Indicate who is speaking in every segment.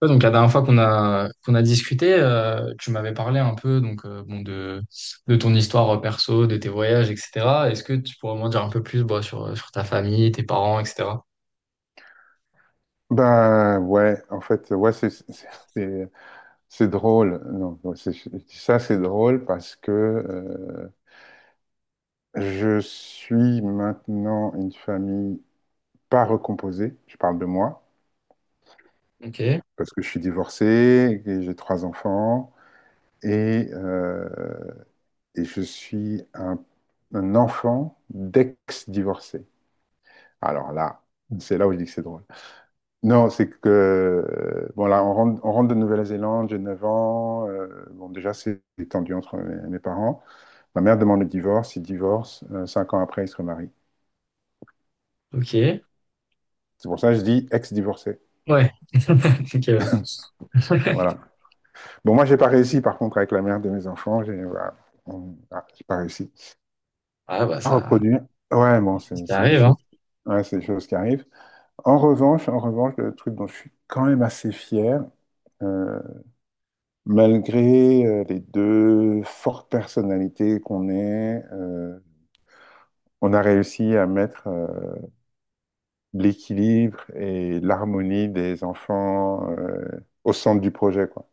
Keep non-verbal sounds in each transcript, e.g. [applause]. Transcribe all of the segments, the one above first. Speaker 1: Ouais, donc la dernière fois qu'on a discuté, tu m'avais parlé un peu donc bon de ton histoire perso, de tes voyages, etc. Est-ce que tu pourrais m'en dire un peu plus bah, sur ta famille, tes parents, etc.
Speaker 2: Ben ouais, en fait, ouais, c'est- c'est drôle. Non, ouais, je dis ça, c'est drôle parce que je suis maintenant une famille pas recomposée. Je parle de moi
Speaker 1: Ok,
Speaker 2: parce que je suis divorcé et j'ai trois enfants et, euh, et je suis un enfant d'ex-divorcé. Alors là, c'est là où je dis que c'est drôle. Non, c'est que, bon, là, on rentre de Nouvelle-Zélande, j'ai 9 ans. Bon, déjà, c'est tendu entre mes parents. Ma mère demande le divorce, il divorce. 5 ans après, il se remarie.
Speaker 1: ok, ouais,
Speaker 2: C'est pour ça que je dis ex-divorcé.
Speaker 1: [laughs] ok.
Speaker 2: Voilà.
Speaker 1: Ouais.
Speaker 2: Bon, moi, j'ai pas réussi, par contre, avec la mère de mes enfants. J'ai voilà, ah, j'ai pas réussi
Speaker 1: Ah bah
Speaker 2: à
Speaker 1: ça,
Speaker 2: reproduire. Ouais, bon,
Speaker 1: c'est ce
Speaker 2: c'est
Speaker 1: qui
Speaker 2: c'est des
Speaker 1: arrive, hein.
Speaker 2: choses, ouais, c'est des choses qui arrivent. En revanche, le truc dont je suis quand même assez fier, euh, malgré les deux fortes personnalités qu'on est, on a réussi à mettre l'équilibre et l'harmonie des enfants au centre du projet, quoi.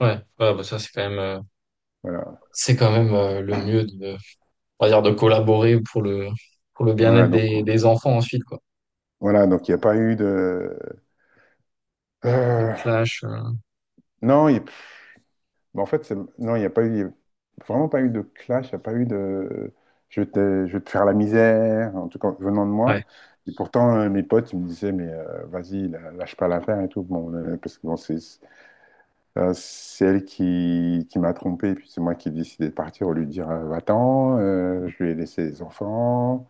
Speaker 1: Ouais, ouais, bah ça c'est quand même euh,
Speaker 2: Voilà.
Speaker 1: c'est quand même euh, le mieux de, on va dire, de collaborer pour le
Speaker 2: Voilà,
Speaker 1: bien-être
Speaker 2: donc
Speaker 1: des des enfants ensuite, quoi.
Speaker 2: voilà, donc il n'y a pas eu de
Speaker 1: Le
Speaker 2: euh,
Speaker 1: clash,
Speaker 2: non, bah, en fait, non, il n'y a pas eu, il y a vraiment pas eu de clash, il n'y a pas eu de je vais te faire la misère, en tout cas venant de
Speaker 1: ouais.
Speaker 2: moi. Et pourtant, mes potes, ils me disaient, mais vas-y, lâche pas l'affaire et tout. Bon, parce que bon, c'est elle qui m'a trompé, et puis c'est moi qui ai décidé de partir au lieu de dire, va-t'en, je lui ai laissé les enfants,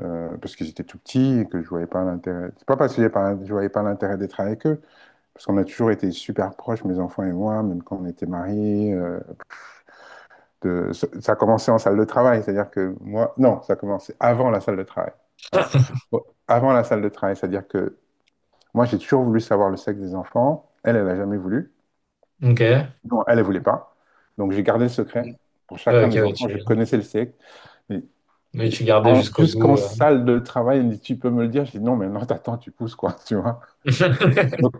Speaker 2: parce que j'étais tout petit et que je voyais pas l'intérêt. C'est pas parce que j'ai pas- je voyais pas l'intérêt d'être avec eux, parce qu'on a toujours été super proches, mes enfants et moi, même quand on était mariés. De- Ça a commencé en salle de travail, c'est-à-dire que moi, non, ça a commencé avant la salle de travail. Alors,
Speaker 1: [laughs]
Speaker 2: bon, avant la salle de travail, c'est-à-dire que moi, j'ai toujours voulu savoir le sexe des enfants. Elle, elle n'a jamais voulu.
Speaker 1: Ok. Ouais,
Speaker 2: Non, elle, elle voulait pas. Donc, j'ai gardé le secret. Pour chacun
Speaker 1: ok,
Speaker 2: des
Speaker 1: ouais,
Speaker 2: enfants,
Speaker 1: tu
Speaker 2: je connaissais le sexe. Mais
Speaker 1: mais tu gardais jusqu'au
Speaker 2: jusqu'en
Speaker 1: bout.
Speaker 2: salle de travail, elle me dit, tu peux me le dire? J'ai dit, non, mais non, t'attends, tu pousses, quoi, [laughs] tu vois.
Speaker 1: [laughs]
Speaker 2: Donc,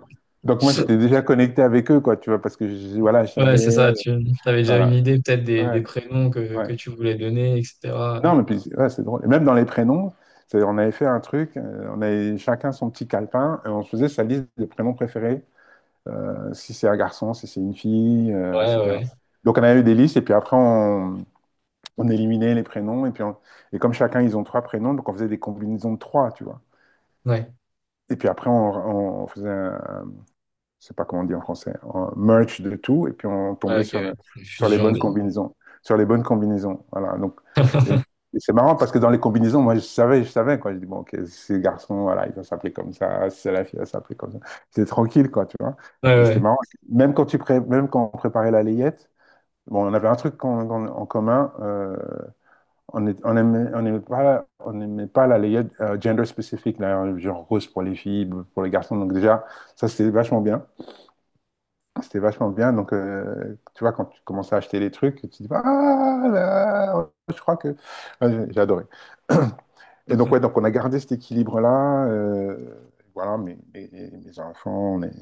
Speaker 2: donc moi, j'étais déjà connecté avec eux, quoi, tu vois, parce que, voilà, je
Speaker 1: Ouais, c'est
Speaker 2: savais,
Speaker 1: ça, tu avais déjà une
Speaker 2: voilà.
Speaker 1: idée peut-être des
Speaker 2: Ouais,
Speaker 1: prénoms que,
Speaker 2: ouais.
Speaker 1: que tu voulais donner, etc.
Speaker 2: Non, mais puis, ouais, c'est drôle. Et même dans les prénoms, on avait fait un truc, on avait chacun son petit calepin, et on se faisait sa liste de prénoms préférés, si c'est un garçon, si c'est une fille,
Speaker 1: Ouais,
Speaker 2: etc.
Speaker 1: ouais.
Speaker 2: Donc on avait eu des listes, et puis après on éliminait les prénoms, et puis et comme chacun, ils ont trois prénoms, donc on faisait des combinaisons de trois, tu vois.
Speaker 1: Ouais,
Speaker 2: Et puis après, on faisait un, je sais pas comment on dit en français, en merch de tout, et puis on tombait
Speaker 1: ouais, ok,
Speaker 2: sur,
Speaker 1: ouais. Une
Speaker 2: sur les
Speaker 1: fusion
Speaker 2: bonnes
Speaker 1: des.
Speaker 2: combinaisons. Sur les bonnes combinaisons, voilà. Donc, et c'est marrant parce que dans les combinaisons, moi, je savais, quoi. Je dis, bon, ok, ces garçons, voilà, ils vont s'appeler comme ça, c'est la fille, elle va s'appeler comme ça. C'était tranquille, quoi, tu vois.
Speaker 1: Ouais,
Speaker 2: Et c'était
Speaker 1: ouais.
Speaker 2: marrant. Même quand, même quand on préparait la layette, bon, on avait un truc qu'on en commun, on aimait pas, on n'aimait pas la layette gender spécifique, là, genre rose pour les filles, bleu pour les garçons. Donc déjà, ça, c'était vachement bien. C'était vachement bien. Donc, tu vois, quand tu commences à acheter les trucs, tu te dis, ah là, je crois que. Ouais, j'ai adoré. [clears throat] Et donc, ouais, donc on a gardé cet équilibre-là. Voilà, mes enfants, on est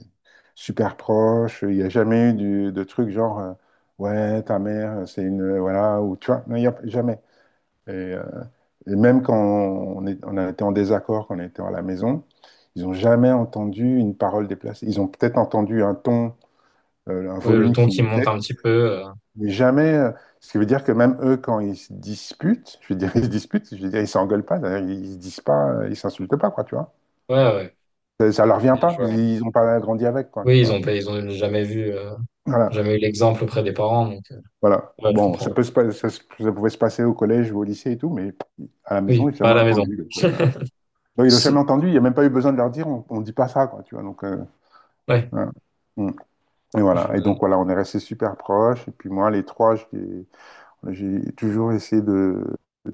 Speaker 2: super proches. Il n'y a jamais eu de trucs genre, ouais, ta mère, c'est une. Voilà, ou tu vois, non, il n'y a jamais. Et, euh, et même quand on a été en désaccord, quand on était à la maison, ils n'ont jamais entendu une parole déplacée. Ils ont peut-être entendu un ton un
Speaker 1: Ouais, le
Speaker 2: volume
Speaker 1: ton
Speaker 2: qui
Speaker 1: qui monte
Speaker 2: montait,
Speaker 1: un petit peu.
Speaker 2: mais jamais, ce qui veut dire que même eux, quand ils se disputent, je veux dire, [laughs] ils se disputent, je veux dire, ils s'engueulent pas, d'ailleurs, ils se disent pas, ils s'insultent pas, quoi, tu vois.
Speaker 1: Ouais, ouais.
Speaker 2: Ça leur vient
Speaker 1: Bien,
Speaker 2: pas,
Speaker 1: je vois.
Speaker 2: ils ont pas grandi avec, quoi,
Speaker 1: Oui,
Speaker 2: tu
Speaker 1: ils
Speaker 2: vois.
Speaker 1: ont pas, ils ont jamais vu,
Speaker 2: Voilà,
Speaker 1: jamais eu l'exemple auprès des parents, donc
Speaker 2: voilà.
Speaker 1: ouais, je
Speaker 2: Bon, ça
Speaker 1: comprends.
Speaker 2: peut se pas- ça, se- ça pouvait se passer au collège ou au lycée et tout, mais à la maison,
Speaker 1: Oui,
Speaker 2: ils j'ai
Speaker 1: pas à
Speaker 2: jamais
Speaker 1: la maison.
Speaker 2: entendu. Donc,
Speaker 1: [laughs]
Speaker 2: voilà. Donc, ils l'ont jamais entendu, il n'y a même pas eu besoin de leur dire, on dit pas ça, quoi, tu vois. Donc,
Speaker 1: Ouais,
Speaker 2: voilà. Mm. Et
Speaker 1: je
Speaker 2: voilà.
Speaker 1: vois.
Speaker 2: Et donc, voilà, on est restés super proches. Et puis, moi, les trois, j'ai toujours essayé de...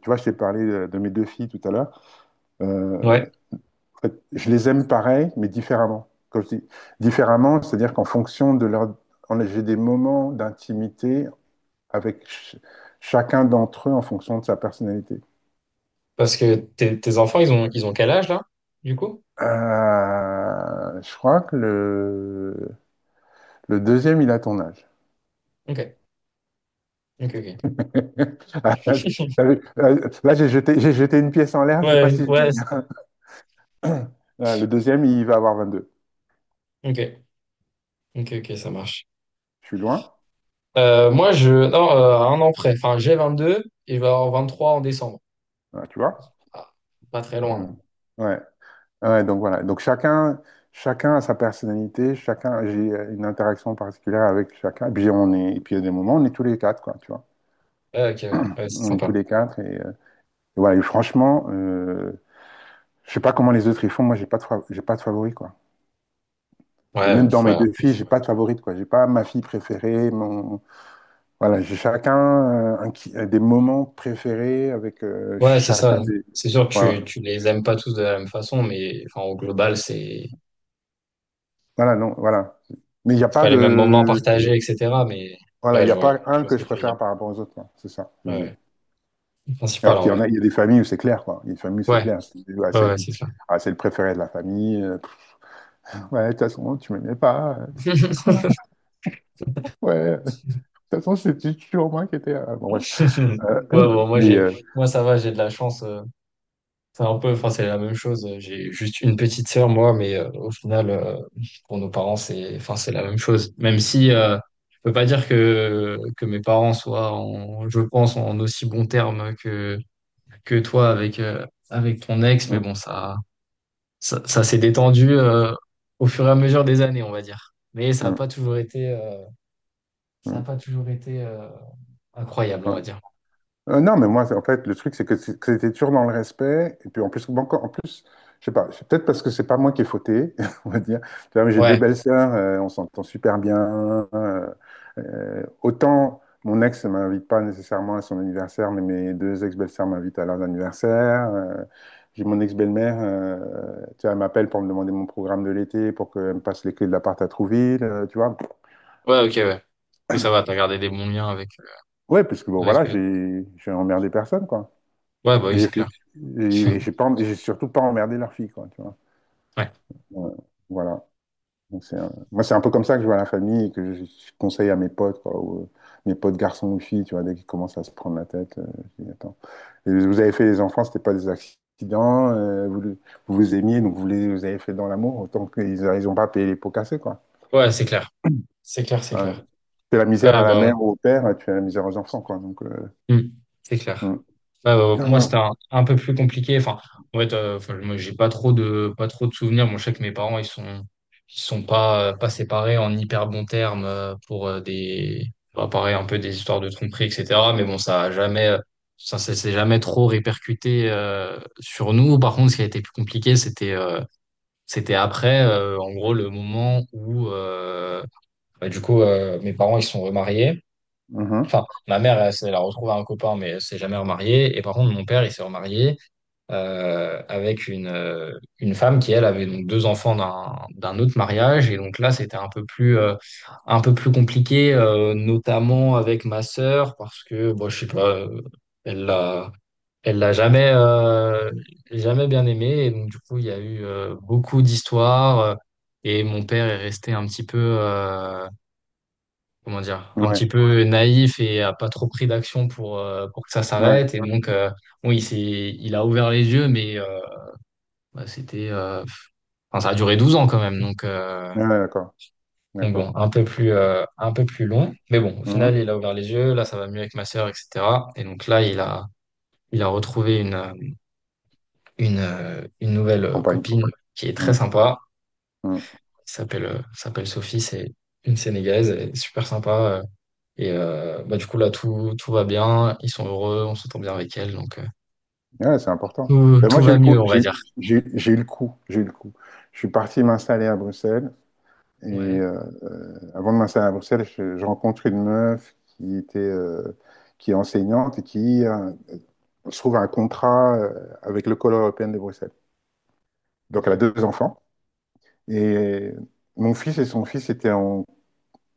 Speaker 2: Tu vois, je t'ai parlé de mes deux filles tout à l'heure. Euh,
Speaker 1: Ouais,
Speaker 2: en fait, je les aime pareil, mais différemment. Quand je dis différemment, c'est-à-dire qu'en fonction de leur... j'ai des moments d'intimité avec chacun d'entre eux en fonction de sa personnalité.
Speaker 1: parce que tes enfants, ils ont quel âge là, du coup?
Speaker 2: Je crois que le deuxième, il a ton âge.
Speaker 1: Ok, ok, ok.
Speaker 2: [laughs] Ah, t'as vu? Là, j'ai jeté une pièce en l'air, je sais pas
Speaker 1: Ouais,
Speaker 2: si je
Speaker 1: ouais,
Speaker 2: gagne. [coughs] [laughs] Le deuxième, il va avoir 22.
Speaker 1: ok, ok, ok, ça marche.
Speaker 2: Je suis loin.
Speaker 1: Moi, je. Non, un an près. Enfin, j'ai 22 et je vais avoir 23 en décembre.
Speaker 2: Ah, tu vois?
Speaker 1: Ah, pas très loin.
Speaker 2: Hmm. Ouais. Ouais, donc voilà. Donc chacun a sa personnalité, chacun, j'ai une interaction particulière avec chacun. Et puis on est, et puis il y a des moments, on est tous les quatre, quoi, tu vois.
Speaker 1: Ouais, ok, ouais. Ouais, c'est
Speaker 2: On est tous
Speaker 1: sympa.
Speaker 2: les quatre et voilà. Et franchement, je sais pas comment les autres ils font. Moi, j'ai pas de favori, quoi. Et
Speaker 1: Ouais,
Speaker 2: même dans mes
Speaker 1: ouais,
Speaker 2: deux filles, j'ai pas de favorite, quoi. J'ai pas ma fille préférée, mon, voilà. J'ai chacun des moments préférés avec
Speaker 1: ouais, c'est
Speaker 2: chacun
Speaker 1: ça.
Speaker 2: des,
Speaker 1: C'est sûr que
Speaker 2: voilà.
Speaker 1: tu les aimes pas tous de la même façon, mais enfin, au global, c'est
Speaker 2: Voilà, non, voilà. Mais il n'y a
Speaker 1: c'est
Speaker 2: pas
Speaker 1: pas les mêmes moments
Speaker 2: de,
Speaker 1: partagés, etc. Mais
Speaker 2: voilà, il
Speaker 1: ouais,
Speaker 2: n'y a pas
Speaker 1: je
Speaker 2: un
Speaker 1: vois ce
Speaker 2: que
Speaker 1: que
Speaker 2: je
Speaker 1: tu veux dire.
Speaker 2: préfère par rapport aux autres, quoi. C'est ça, je
Speaker 1: Ouais,
Speaker 2: veux dire.
Speaker 1: ouais. Le principal
Speaker 2: Alors
Speaker 1: en
Speaker 2: qu'il y en
Speaker 1: vrai.
Speaker 2: a, il y a des familles où c'est clair, quoi. Il y a des familles, où c'est
Speaker 1: Ouais,
Speaker 2: clair. Tu dis, ouais,
Speaker 1: ouais,
Speaker 2: c'est
Speaker 1: ouais, c'est ça.
Speaker 2: ah, c'est le préféré de la famille. Ouais, de toute façon, tu m'aimais pas.
Speaker 1: [laughs]
Speaker 2: [laughs] Ouais, de toute façon, c'était toujours moi qui étais. Bon, bref. Euh,
Speaker 1: Ouais, bon,
Speaker 2: mais.
Speaker 1: moi, ça va, j'ai de la chance. C'est un peu, enfin, c'est la même chose. J'ai juste une petite sœur, moi, mais au final, pour nos parents, c'est, enfin, c'est la même chose. Même si je peux pas dire que mes parents soient, je pense, en aussi bons termes que toi avec avec ton ex, mais
Speaker 2: Hum,
Speaker 1: bon, ça ça s'est détendu au fur et à mesure des années, on va dire. Mais ça a
Speaker 2: hum,
Speaker 1: pas toujours été, ça a
Speaker 2: hum,
Speaker 1: pas toujours été euh, incroyable, on
Speaker 2: ouais.
Speaker 1: va dire.
Speaker 2: Non, mais moi, en fait, le truc, c'est que que c'était toujours dans le respect. Et puis, en plus, bon, en plus, je sais pas, c'est peut-être parce que c'est pas moi qui ai fauté, [laughs] on va dire. Tu vois, mais j'ai deux
Speaker 1: Ouais,
Speaker 2: belles sœurs, on s'entend super bien. euh, Autant mon ex ne m'invite pas nécessairement à son anniversaire, mais mes deux ex-belles-sœurs m'invitent à leurs anniversaires. J'ai mon ex-belle-mère, tu vois, elle m'appelle pour me demander mon programme de l'été, pour qu'elle me passe les clés de l'appart à Trouville, tu vois.
Speaker 1: ouais, ok, ouais. Oui, ça va. T'as gardé des bons liens avec
Speaker 2: Ouais, parce que bon,
Speaker 1: avec.
Speaker 2: voilà,
Speaker 1: euh,
Speaker 2: j'ai emmerdé personne, quoi.
Speaker 1: Ouais, bah
Speaker 2: Et
Speaker 1: oui,
Speaker 2: j'ai
Speaker 1: c'est
Speaker 2: fait,
Speaker 1: clair.
Speaker 2: j'ai
Speaker 1: [laughs]
Speaker 2: j'ai pas, j'ai surtout pas emmerdé leur fille, quoi, tu vois.
Speaker 1: Ouais.
Speaker 2: Ouais, voilà. Donc, moi, c'est un peu comme ça que je vois la famille et que je conseille à mes potes, quoi, ou, mes potes garçons ou filles, tu vois, dès qu'ils commencent à se prendre la tête, je dis, attends, et vous avez fait les enfants, c'était pas des accidents, vous vous aimiez, donc vous les vous avez fait dans l'amour, autant qu'ils ont pas payé les pots cassés, quoi.
Speaker 1: Ouais, c'est clair. C'est clair, c'est
Speaker 2: Ouais.
Speaker 1: clair.
Speaker 2: Tu fais la misère à
Speaker 1: Euh,
Speaker 2: la
Speaker 1: bah,
Speaker 2: mère ou au père, tu fais la misère aux enfants, quoi. Donc,
Speaker 1: hmm, c'est clair.
Speaker 2: hmm.
Speaker 1: Bah,
Speaker 2: Non,
Speaker 1: moi, c'était
Speaker 2: non.
Speaker 1: un peu plus compliqué. Enfin, en fait, enfin, moi, j'ai pas trop de souvenirs. Moi, je sais que mes parents, ils sont pas séparés en hyper bons termes pour des, bah, pareil, un peu des histoires de tromperie, etc. Mais bon, ça a jamais, ça s'est jamais trop répercuté sur nous. Par contre, ce qui a été plus compliqué, c'était après, en gros, le moment où, bah, du coup, mes parents, ils sont remariés.
Speaker 2: Mhm.
Speaker 1: Enfin, ma mère, elle a retrouvé un copain, mais elle s'est jamais remariée. Et par contre, mon père, il s'est remarié avec une femme qui, elle, avait donc deux enfants d'un autre mariage. Et donc là, c'était un peu plus compliqué, notamment avec ma sœur, parce que, bon, je sais pas, elle l'a, elle l'a jamais, jamais bien aimé. Et donc, du coup, il y a eu beaucoup d'histoires. Et mon père est resté un petit peu, comment dire, un
Speaker 2: Ouais,
Speaker 1: petit peu naïf et a pas trop pris d'action pour que ça
Speaker 2: ouais,
Speaker 1: s'arrête. Et donc, bon, il a ouvert les yeux, mais bah, c'était, enfin, ça a duré 12 ans quand même.
Speaker 2: ouais, d'accord,
Speaker 1: Donc bon,
Speaker 2: d'accord.
Speaker 1: un peu plus long. Mais bon, au final,
Speaker 2: Mhm.
Speaker 1: il a ouvert les yeux. Là, ça va mieux avec ma sœur, etc. Et donc là, il a retrouvé une nouvelle
Speaker 2: Compagne.
Speaker 1: copine qui est très
Speaker 2: Mm,
Speaker 1: sympa,
Speaker 2: mm.
Speaker 1: qui s'appelle Sophie. C'est une Sénégalaise. Elle est super sympa. Et bah, du coup, là, tout va bien. Ils sont heureux, on s'entend bien avec elle. Donc,
Speaker 2: Ouais, c'est important.
Speaker 1: tout,
Speaker 2: Ben,
Speaker 1: tout
Speaker 2: moi, j'ai eu
Speaker 1: va
Speaker 2: le
Speaker 1: mieux,
Speaker 2: coup.
Speaker 1: on
Speaker 2: J'ai
Speaker 1: va dire.
Speaker 2: eu j'ai eu le coup. J'ai eu le coup. Je suis parti m'installer à Bruxelles. Et
Speaker 1: Ouais,
Speaker 2: avant de m'installer à Bruxelles, je rencontre une meuf qui était, qui est enseignante et qui se trouve un contrat avec l'école européenne de Bruxelles. Donc, elle a
Speaker 1: ok.
Speaker 2: deux enfants. Et mon fils et son fils étaient en,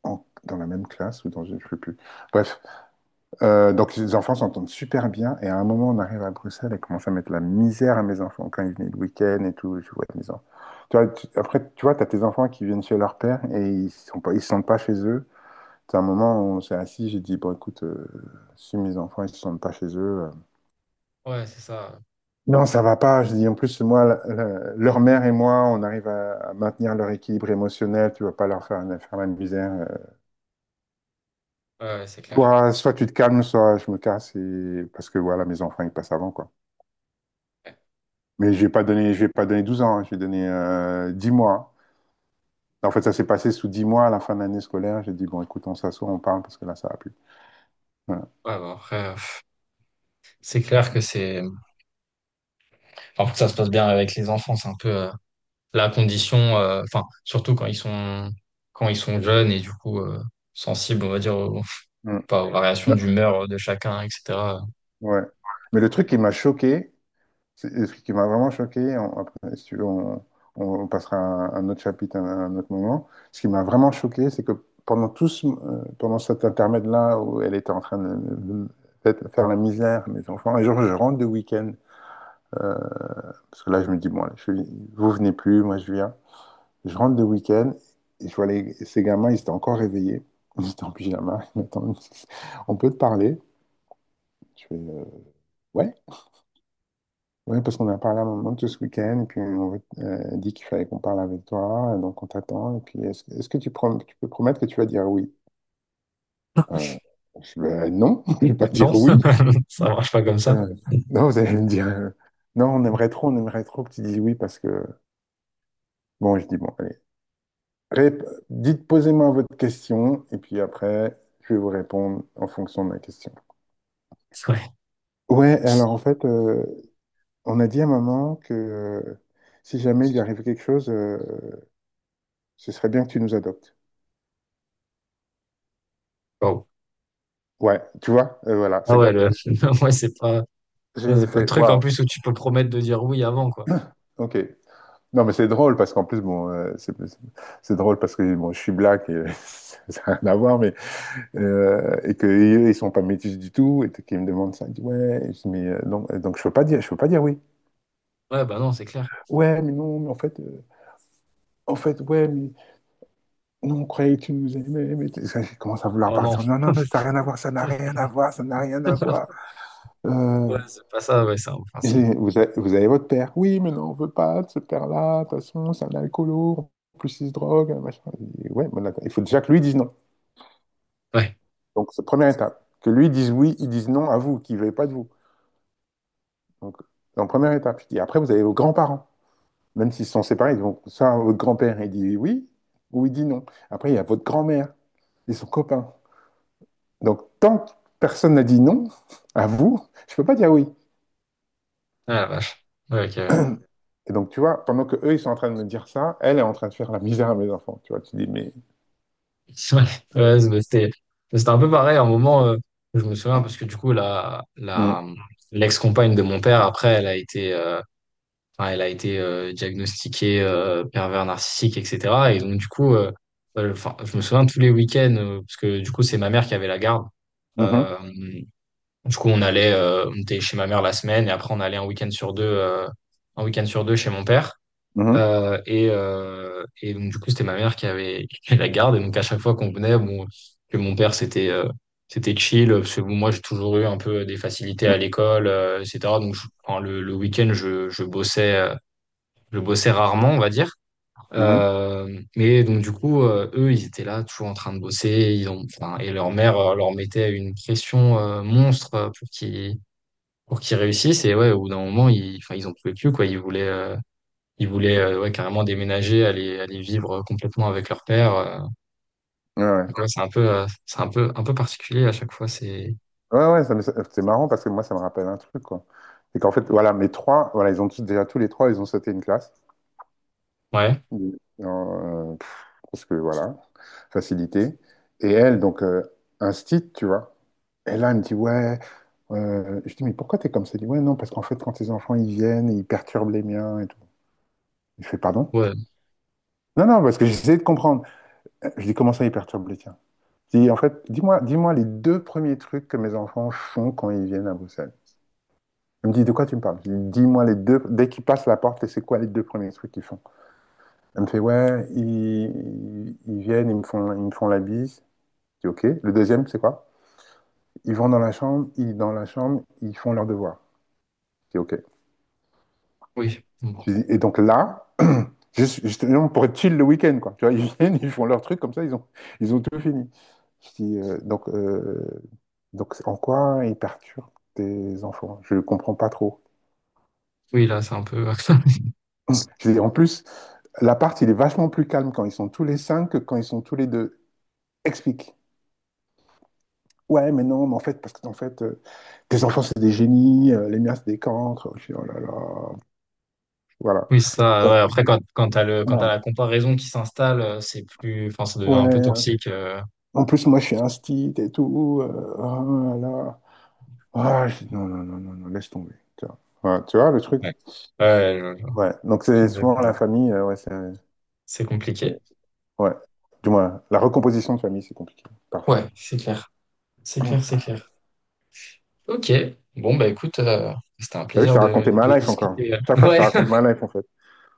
Speaker 2: en- dans la même classe ou dans une, je ne sais plus. Bref. Donc les enfants s'entendent super bien, et à un moment on arrive à Bruxelles et commence à mettre la misère à mes enfants quand ils venaient le week-end et tout. Je vois mes enfants. Tu vois, après tu vois, t'as tes enfants qui viennent chez leur père et ils se sentent pas chez eux. C'est un moment où on s'est assis, j'ai dit bon écoute, si mes enfants ils se sentent pas chez eux,
Speaker 1: Ouais, c'est ça.
Speaker 2: non ça va pas. Je dis en plus moi, leur mère et moi, on arrive à maintenir leur équilibre émotionnel. Tu vas pas leur faire la misère.
Speaker 1: Ouais, ouais, c'est clair.
Speaker 2: Soit tu te calmes, soit je me casse, et parce que voilà mes enfants ils passent avant quoi.
Speaker 1: Ouais.
Speaker 2: Mais je vais pas donné 12 ans, hein, je vais donner 10 mois. En fait, ça s'est passé sous 10 mois à la fin de l'année scolaire. J'ai dit, bon, écoute, on s'assoit, on parle parce que là, ça va plus. Voilà.
Speaker 1: Ouais, bah, après, c'est clair que c'est. Enfin, pour que ça se passe bien avec les enfants, c'est un peu la condition. Enfin, surtout quand ils sont jeunes et du coup sensibles, on va dire, aux,
Speaker 2: Mm.
Speaker 1: pas aux variations
Speaker 2: Non,
Speaker 1: d'humeur de chacun, etc.
Speaker 2: ouais. Mais le truc qui m'a choqué, le truc qui m'a vraiment choqué, après, si tu veux, on passera à un autre chapitre à un autre moment. Ce qui m'a vraiment choqué, c'est que pendant cet intermède-là où elle était en train de faire la misère à mes enfants, et genre, je rentre de week-end, euh, parce que là, je me dis, bon, allez, vous venez plus, moi, je viens. Je rentre de week-end et je vois les, ces gamins, ils étaient encore réveillés. Ils étaient en pyjama. [laughs] Ils m'attendent. On peut te parler? Je fais, ouais. Oui, parce qu'on a parlé à maman tout ce week-end, et puis dit qu'il fallait qu'on parle avec toi, et donc on t'attend. Et puis, est-ce que tu peux promettre que tu vas dire oui? Euh, ben, non, [laughs] je ne vais pas
Speaker 1: Non, [laughs]
Speaker 2: dire oui.
Speaker 1: ça marche pas comme ça.
Speaker 2: Euh, non, vous allez me dire, non, on aimerait trop que tu dises oui, parce que, bon, je dis, bon, allez. Rép- Dites, posez-moi votre question, et puis après, je vais vous répondre en fonction de ma question.
Speaker 1: Ouais.
Speaker 2: Ouais, alors en fait, on a dit à maman que si jamais il lui arrive quelque chose, ce serait bien que tu nous adoptes.
Speaker 1: Wow.
Speaker 2: Ouais, tu vois, voilà,
Speaker 1: Ah
Speaker 2: c'est
Speaker 1: ouais, le.
Speaker 2: comme.
Speaker 1: [laughs] Ouais, c'est pas. Ouais,
Speaker 2: J'ai
Speaker 1: c'est pas le
Speaker 2: fait,
Speaker 1: truc en
Speaker 2: waouh.
Speaker 1: plus où tu peux promettre de dire oui avant, quoi.
Speaker 2: [coughs] OK. Non, mais c'est drôle parce qu'en plus, bon, c'est drôle parce que bon, je suis black, et [laughs] ça n'a rien à voir, mais et que eux, ils sont pas métis du tout et qu'ils me demandent ça, ils disent, ouais, je dis, donc je peux pas dire oui.
Speaker 1: Ouais, bah non, c'est clair.
Speaker 2: Ouais, mais non, mais en fait, ouais, mais non, on croyait que tu nous aimais, ça, j'ai commencé à vouloir
Speaker 1: Oh non.
Speaker 2: partir. Non, non, non, ça n'a rien à voir, ça n'a rien à voir, ça n'a rien à voir.
Speaker 1: [laughs]
Speaker 2: Euh,
Speaker 1: Ouais, c'est pas ça, ouais, c'est un principe.
Speaker 2: vous avez votre père. Oui, mais non, on veut pas de ce père-là, de toute façon, c'est un alcoolo, en plus il se drogue, machin. Je dis, ouais, mais d'accord. Il faut déjà que lui dise non.
Speaker 1: Ouais.
Speaker 2: Donc, c'est la première étape. Que lui dise oui, il dise non à vous, qu'il ne veuille pas de vous. Donc, en première étape, je dis, après, vous avez vos grands-parents. Même s'ils sont séparés, donc soit votre grand-père, il dit oui, ou il dit non. Après, il y a votre grand-mère, et son copain. Donc, tant que personne n'a dit non à vous, je ne peux pas dire oui.
Speaker 1: Ah la vache. Ouais, ok.
Speaker 2: Et donc, tu vois, pendant que eux, ils sont en train de me dire ça, elle est en train de faire la misère à mes enfants. Tu vois, tu dis, mais.
Speaker 1: [laughs] Ouais. Ouais, c'était un peu pareil. À un moment, je me souviens parce que du coup,
Speaker 2: Mm,
Speaker 1: l'ex-compagne de mon père, après, elle a été diagnostiquée pervers narcissique, etc. Et donc, du coup, enfin, je me souviens tous les week-ends, parce que du coup, c'est ma mère qui avait la garde.
Speaker 2: mhm,
Speaker 1: Euh, Du coup, on était chez ma mère la semaine et après on allait un week-end sur deux, chez mon père.
Speaker 2: mhm,
Speaker 1: Et donc du coup, c'était ma mère qui avait, [laughs] qui avait la garde. Et donc à chaque fois qu'on venait, bon, que mon père c'était chill parce que bon, moi j'ai toujours eu un peu des facilités à
Speaker 2: mm,
Speaker 1: l'école, etc. Donc enfin, le week-end, je bossais rarement, on va dire.
Speaker 2: mhm.
Speaker 1: Mais donc du coup, eux, ils étaient là, toujours en train de bosser. Et leur mère leur mettait une pression monstre pour qu'ils réussissent. Et ouais, au bout d'un moment, ils, enfin, ils en pouvaient plus, quoi. Ils voulaient ouais, carrément déménager, aller vivre complètement avec leur père.
Speaker 2: Ouais, ouais,
Speaker 1: Donc ouais, c'est un peu, particulier à chaque fois. C'est
Speaker 2: ouais, ouais, c'est marrant parce que moi, ça me rappelle un truc, quoi. C'est qu'en fait, voilà, mes trois, voilà, ils ont tous, déjà tous les trois, ils ont sauté une classe.
Speaker 1: ouais,
Speaker 2: Oui. Parce que voilà, facilité. Et elle, donc, instite, tu vois. Et là, elle me dit, ouais, je dis, mais pourquoi t'es comme ça? Elle dit, ouais, non, parce qu'en fait, quand tes enfants, ils viennent, ils perturbent les miens et tout. Je fais, pardon?
Speaker 1: ouais,
Speaker 2: Non, non, parce que j'essaie de comprendre. Je dis, comment ça, ils perturbent les tiens? Je dis, en fait, dis-moi, dis-moi les deux premiers trucs que mes enfants font quand ils viennent à Bruxelles. Elle me dit, de quoi tu me parles? Je lui dis, dis-moi les deux, dès qu'ils passent la porte, c'est quoi les deux premiers trucs qu'ils font? Elle me fait, ouais, ils viennent, ils me font la bise. Je dis OK. Le deuxième, c'est quoi? Ils vont dans la chambre, ils font leurs devoirs. Je dis OK.
Speaker 1: oui, bon,
Speaker 2: Je dis, et donc là, justement, pour être chill le week-end, quoi. Tu vois, [laughs] ils viennent, ils font leur truc, comme ça, ils ont tout fini. Je dis, donc, en quoi ils perturbent tes enfants? Je ne comprends pas trop.
Speaker 1: oui, là, c'est un peu. [laughs]
Speaker 2: Je dis, en plus, l'appart, il est vachement plus calme quand ils sont tous les cinq que quand ils sont tous les deux. Explique. Ouais, mais non, mais en fait, parce que tes enfants, c'est des génies, les miens, c'est des cancres. Je dis, oh là là. Voilà.
Speaker 1: Oui, c'est ça. Ouais. Après, quand t'as le, quand t'as
Speaker 2: Ah,
Speaker 1: la comparaison qui s'installe, c'est plus, enfin, ça devient
Speaker 2: ouais,
Speaker 1: un peu toxique.
Speaker 2: en plus, moi, je suis un stit et tout. Ah, là. Ah, non, non, non, non, non, laisse tomber. Tu vois, ouais, tu vois le truc?
Speaker 1: Ouais. Ouais,
Speaker 2: Ouais, donc c'est souvent la
Speaker 1: exactement.
Speaker 2: famille, ouais,
Speaker 1: C'est
Speaker 2: c'est-
Speaker 1: compliqué.
Speaker 2: ouais. Du moins, la recomposition de famille, c'est compliqué, parfois.
Speaker 1: Ouais, c'est clair. C'est clair, c'est
Speaker 2: [clears throat]
Speaker 1: clair. Ok. Bon, bah écoute, c'était un
Speaker 2: T'as vu, je
Speaker 1: plaisir
Speaker 2: t'ai
Speaker 1: de,
Speaker 2: raconté ma
Speaker 1: de
Speaker 2: life encore.
Speaker 1: discuter. [laughs]
Speaker 2: Chaque fois, je te
Speaker 1: Ouais.
Speaker 2: raconte ma life, en fait.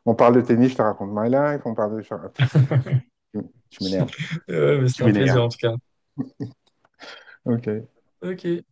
Speaker 2: On parle de tennis, je te raconte ma life. On parle de. Tu m'énerves.
Speaker 1: [laughs] Ouais, mais c'était
Speaker 2: Tu
Speaker 1: un plaisir
Speaker 2: m'énerves.
Speaker 1: en tout cas.
Speaker 2: OK.
Speaker 1: Ok.